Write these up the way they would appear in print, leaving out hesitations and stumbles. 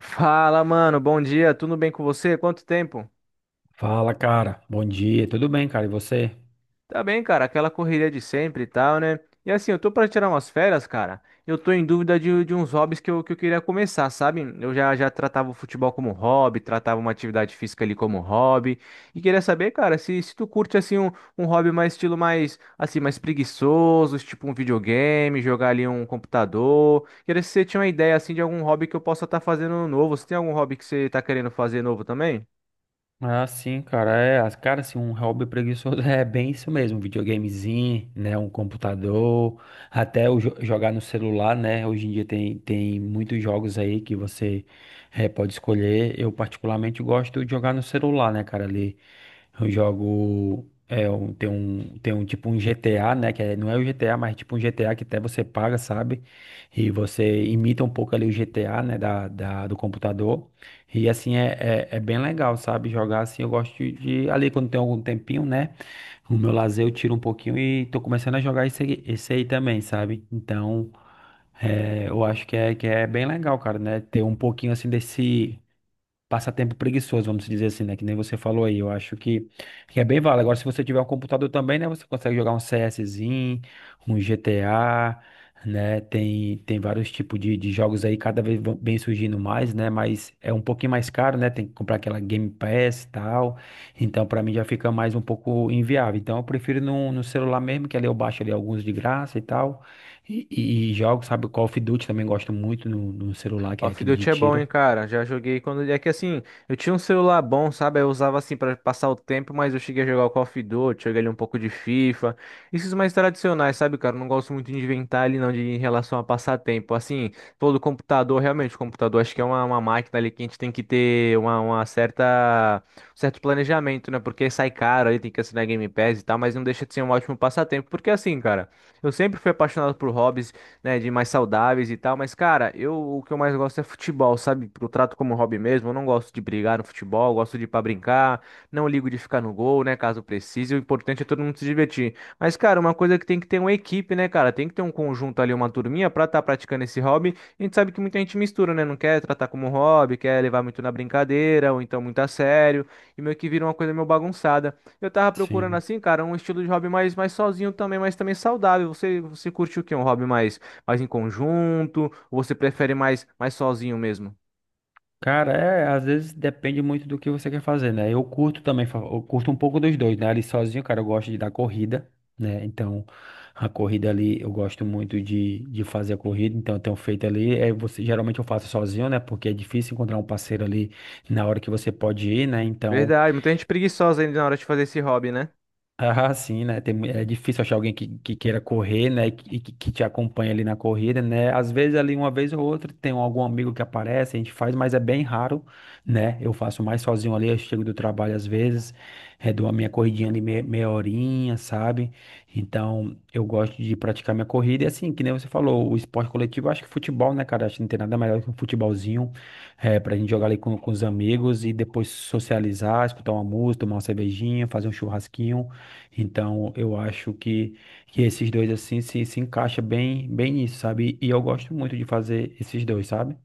Fala, mano, bom dia, tudo bem com você? Quanto tempo? Fala, cara. Bom dia. Tudo bem, cara? E você? Tá bem, cara, aquela correria de sempre e tal, né? E assim, eu tô pra tirar umas férias, cara. Eu tô em dúvida de uns hobbies que eu queria começar, sabe? Eu já, já tratava o futebol como hobby, tratava uma atividade física ali como hobby. E queria saber, cara, se tu curte, assim, um hobby mais estilo mais, assim, mais preguiçoso, tipo um videogame, jogar ali um computador. Queria se você tinha uma ideia, assim, de algum hobby que eu possa estar fazendo novo. Você tem algum hobby que você tá querendo fazer novo também? Ah, sim, cara, cara, assim, um hobby preguiçoso é bem isso mesmo, um videogamezinho, né, um computador, até jogar no celular, né, hoje em dia tem, muitos jogos aí que você pode escolher. Eu particularmente gosto de jogar no celular, né, cara. Ali eu jogo, tem um tipo um GTA, né, não é o GTA, mas é tipo um GTA que até você paga, sabe, e você imita um pouco ali o GTA, né, do computador. E assim é bem legal, sabe? Jogar assim, eu gosto ali quando tem algum tempinho, né? O meu lazer eu tiro um pouquinho e tô começando a jogar esse aí também, sabe? Então, é, eu acho que é bem legal, cara, né? Ter um pouquinho assim desse passatempo preguiçoso, vamos dizer assim, né? Que nem você falou aí. Eu acho que é bem válido. Agora, se você tiver um computador também, né? Você consegue jogar um CSzinho, um GTA, né? Tem, vários tipos de jogos aí, cada vez vem surgindo mais, né? Mas é um pouquinho mais caro, né? Tem que comprar aquela Game Pass e tal. Então, pra mim, já fica mais um pouco inviável. Então, eu prefiro no celular mesmo, que ali eu baixo ali alguns de graça e tal. E jogo, sabe? Call of Duty também gosto muito no celular, que é Off aquele de Duty é bom, tiro. hein, cara. Já joguei quando. É que assim, eu tinha um celular bom, sabe? Eu usava assim pra passar o tempo, mas eu cheguei a jogar o Call of Duty, joguei ali um pouco de FIFA. Esses mais tradicionais, sabe, cara? Eu não gosto muito de inventar ali, não, de em relação a passar tempo. Assim, pô, do computador, realmente, o computador acho que é uma máquina ali que a gente tem que ter uma certa. Um certo planejamento, né? Porque sai caro ali, tem que assinar Game Pass e tal, mas não deixa de ser um ótimo passatempo. Porque assim, cara, eu sempre fui apaixonado por hobbies, né, de mais saudáveis e tal, mas cara, eu o que eu mais gosto é futebol, sabe? Eu trato como hobby mesmo, eu não gosto de brigar no futebol, eu gosto de ir pra brincar, não ligo de ficar no gol, né, caso precise, o importante é todo mundo se divertir. Mas cara, uma coisa que tem que ter uma equipe, né, cara? Tem que ter um conjunto ali, uma turminha pra estar praticando esse hobby. A gente sabe que muita gente mistura, né? Não quer tratar como hobby, quer levar muito na brincadeira, ou então muito a sério, e meio que vira uma coisa meio bagunçada. Eu tava procurando Sim. assim, cara, um estilo de hobby mais sozinho também, mas também saudável. Você curte o quê? Um hobby mais mais em conjunto? Ou você prefere mais, mais sozinho mesmo? Cara, é, às vezes depende muito do que você quer fazer, né? Eu curto também, eu curto um pouco dos dois, né? Ali sozinho, cara, eu gosto de dar corrida, né? Então, a corrida ali, eu gosto muito de fazer a corrida. Então eu tenho feito ali, é, você, geralmente eu faço sozinho, né? Porque é difícil encontrar um parceiro ali na hora que você pode ir, né? Então, Verdade, muita gente preguiçosa ainda na hora de fazer esse hobby, né? ah, sim, né? É difícil achar alguém que queira correr, né? E que te acompanha ali na corrida, né? Às vezes ali uma vez ou outra tem algum amigo que aparece, a gente faz, mas é bem raro, né? Eu faço mais sozinho ali. Eu chego do trabalho às vezes, é, dou a minha corridinha ali meia horinha, sabe? Então eu gosto de praticar minha corrida. E assim, que nem você falou, o esporte coletivo, eu acho que futebol, né, cara? Acho que não tem nada melhor que um futebolzinho, é, pra gente jogar ali com os amigos e depois socializar, escutar uma música, tomar uma cervejinha, fazer um churrasquinho. Então, eu acho que esses dois, assim, se encaixa bem nisso, sabe? E eu gosto muito de fazer esses dois, sabe?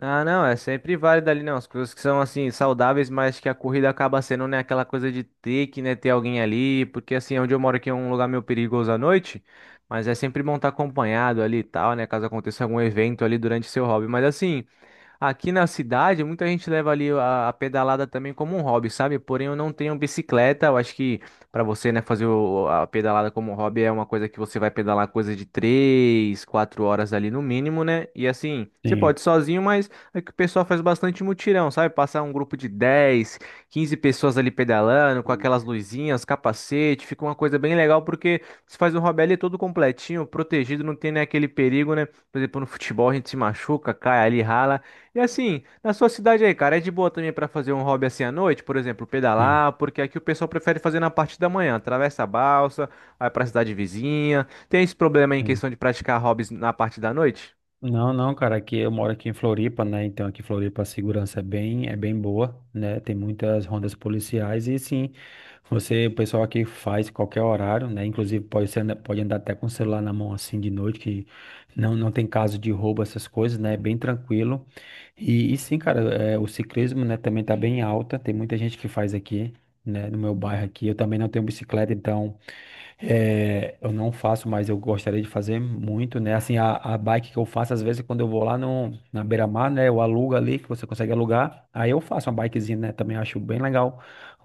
Ah, não, é sempre válido ali, não. As coisas que são, assim, saudáveis, mas que a corrida acaba sendo, né, aquela coisa de ter que, né, ter alguém ali, porque, assim, onde eu moro aqui é um lugar meio perigoso à noite, mas é sempre bom estar acompanhado ali e tal, né, caso aconteça algum evento ali durante seu hobby. Mas, assim, aqui na cidade, muita gente leva ali a pedalada também como um hobby, sabe? Porém, eu não tenho bicicleta. Eu acho que para você, né, fazer a pedalada como um hobby é uma coisa que você vai pedalar coisa de três, quatro horas ali no mínimo, né? E assim, você Sim, pode ir sozinho, mas é que o pessoal faz bastante mutirão, sabe? Passar um grupo de 10, 15 pessoas ali pedalando, com aquelas luzinhas, capacete, fica uma coisa bem legal, porque você faz um hobby ali todo completinho, protegido, não tem, né, aquele perigo, né? Por exemplo, no futebol a gente se machuca, cai ali, rala. E assim, na sua cidade aí, cara, é de boa também pra fazer um hobby assim à noite, por exemplo, sim, pedalar, porque aqui o pessoal prefere fazer na parte da manhã, atravessa a balsa, vai pra cidade vizinha. Tem esse problema aí em sim. questão de praticar hobbies na parte da noite? Não, não, cara, aqui eu moro aqui em Floripa, né? Então, aqui em Floripa a segurança é bem boa, né? Tem muitas rondas policiais e, sim, você, o pessoal aqui faz qualquer horário, né? Inclusive, pode ser, pode andar até com o celular na mão, assim, de noite, que não, não tem caso de roubo, essas coisas, né? É bem tranquilo. E sim, cara, é, o ciclismo, né, também tá bem alta. Tem muita gente que faz aqui, né, no meu bairro aqui. Eu também não tenho bicicleta, então. É, eu não faço, mas eu gostaria de fazer muito, né? Assim, a bike que eu faço, às vezes, quando eu vou lá no, na beira-mar, né? Eu alugo ali, que você consegue alugar. Aí eu faço uma bikezinha, né? Também acho bem legal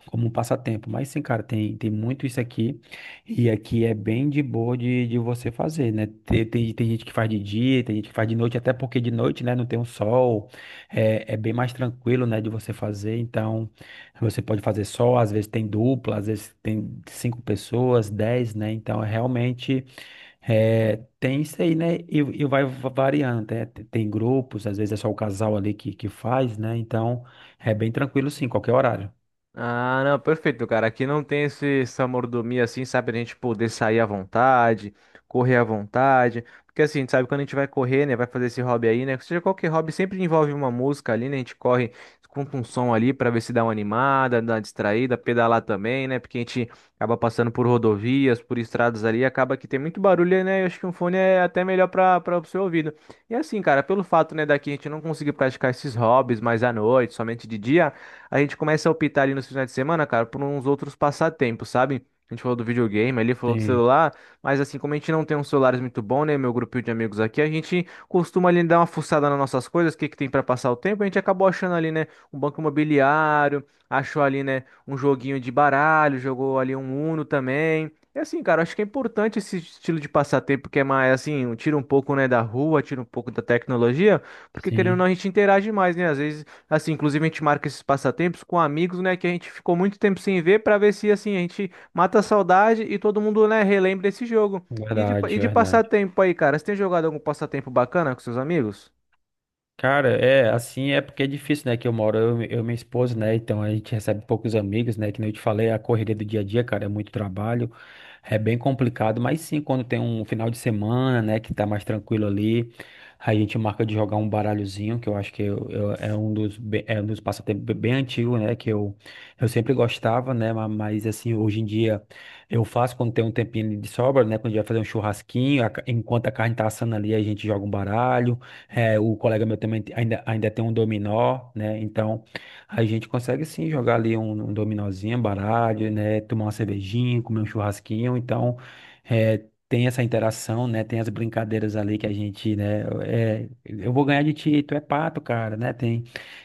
como um passatempo. Mas sim, cara, tem, muito isso aqui. E aqui é bem de boa de você fazer, né? Tem, tem, tem gente que faz de dia, tem gente que faz de noite, até porque de noite, né? Não tem um sol. É, é bem mais tranquilo, né? De você fazer. Então. Você pode fazer só, às vezes tem dupla, às vezes tem cinco pessoas, dez, né? Então, é realmente é, tem isso aí, né? E variando, né? Tem, grupos, às vezes é só o casal ali que faz, né? Então, é bem tranquilo, sim, qualquer horário. Ah, não, perfeito, cara. Aqui não tem esse, essa mordomia assim, sabe? A gente poder sair à vontade, correr à vontade. Porque assim, a gente sabe quando a gente vai correr, né? Vai fazer esse hobby aí, né? Seja qualquer hobby, sempre envolve uma música ali, né? A gente corre, escuta um som ali pra ver se dá uma animada, dá uma distraída, pedalar também, né? Porque a gente acaba passando por rodovias, por estradas ali, acaba que tem muito barulho, né? Eu acho que um fone é até melhor pra, pra o seu ouvido. E assim, cara, pelo fato, né, daqui a gente não conseguir praticar esses hobbies mais à noite, somente de dia a gente começa a optar ali nos finais de semana, cara, por uns outros passatempos, sabe? A gente falou do videogame, ele falou do Sim, celular, mas assim, como a gente não tem uns celulares muito bons, né, meu grupinho de amigos aqui, a gente costuma ali dar uma fuçada nas nossas coisas, o que que tem pra passar o tempo, a gente acabou achando ali, né, um banco imobiliário, achou ali, né, um joguinho de baralho, jogou ali um Uno também. E assim, cara, acho que é importante esse estilo de passatempo que é mais assim, tira um pouco, né, da rua, tira um pouco da tecnologia, porque querendo ou sim, não a gente interage mais, né? Às vezes assim, inclusive a gente marca esses passatempos com amigos, né, que a gente ficou muito tempo sem ver pra ver se assim a gente mata a saudade e todo mundo, né, relembra esse jogo. E de, verdade, e de verdade. passatempo aí, cara, você tem jogado algum passatempo bacana com seus amigos? Cara, é, assim é porque é difícil, né, que eu moro, eu e minha esposa, né, então a gente recebe poucos amigos, né, que nem eu te falei, a correria do dia a dia, cara, é muito trabalho, é bem complicado, mas sim, quando tem um final de semana, né, que tá mais tranquilo ali, a gente marca de jogar um baralhozinho, que eu acho é um é um dos passatempos bem antigos, né, que eu sempre gostava, né, mas assim, hoje em dia eu faço quando tem um tempinho de sobra, né, quando a gente vai fazer um churrasquinho, enquanto a carne tá assando ali, a gente joga um baralho, é, o colega meu também ainda tem um dominó, né? Então a gente consegue sim jogar ali um dominózinho, baralho, né? Tomar uma cervejinha, comer um churrasquinho. Então é, tem essa interação, né? Tem as brincadeiras ali que a gente, né? É, eu vou ganhar de ti, tu é pato, cara, né? Tem.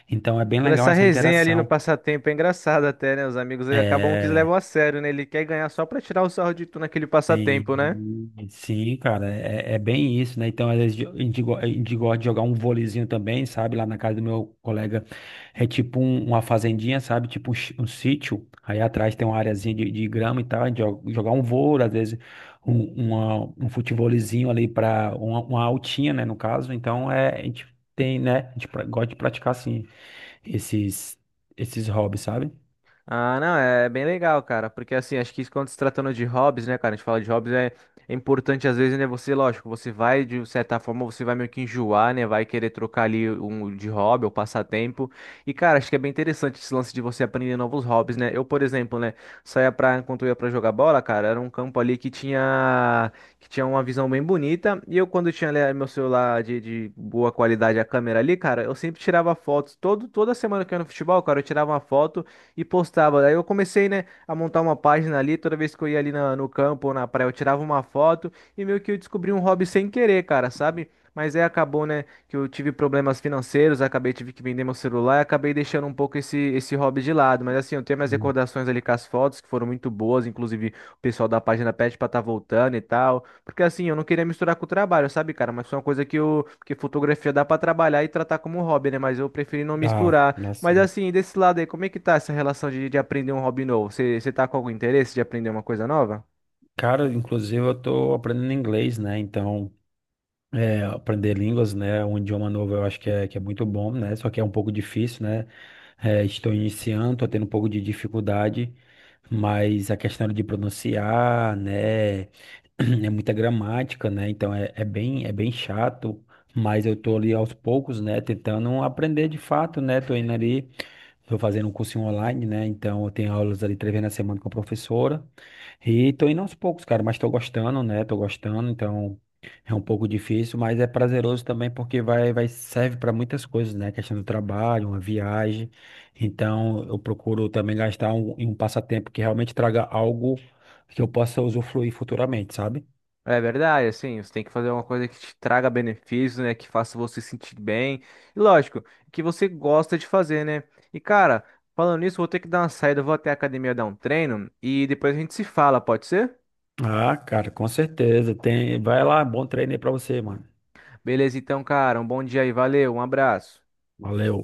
Então é bem Toda legal essa essa resenha ali no interação. passatempo é engraçada até, né? Os amigos aí acabam que eles levam É, a sério, né? Ele quer ganhar só pra tirar o sarro de tu naquele passatempo, né? sim, sim, cara, é bem isso, né? Então, às vezes, a gente gosta de jogar um vôleizinho também, sabe? Lá na casa do meu colega é uma fazendinha, sabe? Tipo um, um sítio. Aí atrás tem uma areazinha de grama e tal. A gente jogar um vôlei, às vezes um, um futevôleizinho ali para uma altinha, né? No caso, então é, a gente tem, né? Gosta de praticar, assim, esses, esses hobbies, sabe? Ah, não, é bem legal, cara, porque assim, acho que isso quando se tratando de hobbies, né, cara, a gente fala de hobbies, é importante às vezes, né, você, lógico, você vai, de certa forma, você vai meio que enjoar, né, vai querer trocar ali um de hobby ou passatempo, e cara, acho que é bem interessante esse lance de você aprender novos hobbies, né, eu, por exemplo, né, saía pra, enquanto eu ia pra jogar bola, cara, era um campo ali que tinha uma visão bem bonita, e eu quando tinha ali meu celular de boa qualidade, a câmera ali, cara, eu sempre tirava fotos, toda semana que eu ia no futebol, cara, eu tirava uma foto, e postava. Daí eu comecei, né, a montar uma página ali, toda vez que eu ia ali no campo ou na praia, eu tirava uma foto e meio que eu descobri um hobby sem querer, cara, sabe? Mas aí acabou, né, que eu tive problemas financeiros, acabei tive que vender meu celular e acabei deixando um pouco esse hobby de lado. Mas assim, eu tenho minhas Hum. recordações ali com as fotos, que foram muito boas, inclusive o pessoal da página pede pra estar voltando e tal. Porque assim, eu não queria misturar com o trabalho, sabe, cara? Mas foi uma coisa que que fotografia dá pra trabalhar e tratar como hobby, né? Mas eu preferi não Ah, misturar. nossa. Mas assim, desse lado aí, como é que tá essa relação de aprender um hobby novo? Você tá com algum interesse de aprender uma coisa nova? Cara, inclusive eu tô aprendendo inglês, né? Então, é, aprender línguas, né? Um idioma novo eu acho que é muito bom, né? Só que é um pouco difícil, né? É, estou iniciando, tô tendo um pouco de dificuldade, mas a questão de pronunciar, né? É muita gramática, né? Então é bem chato, mas eu tô ali aos poucos, né? Tentando aprender de fato, né? Tô indo ali. Estou fazendo um cursinho online, né? Então eu tenho aulas ali 3 vezes na semana com a professora. E tô indo aos poucos, cara, mas tô gostando, né? Tô gostando. Então é um pouco difícil, mas é prazeroso também porque vai serve para muitas coisas, né? Questão do trabalho, uma viagem. Então eu procuro também gastar em um passatempo que realmente traga algo que eu possa usufruir futuramente, sabe? É verdade, assim, você tem que fazer uma coisa que te traga benefícios, né? Que faça você se sentir bem. E lógico, que você gosta de fazer, né? E cara, falando nisso, eu vou ter que dar uma saída, eu vou até a academia dar um treino e depois a gente se fala, pode ser? Ah, cara, com certeza. Tem, vai lá, bom treino aí pra você, mano. Beleza, então, cara, um bom dia aí, valeu, um abraço. Valeu.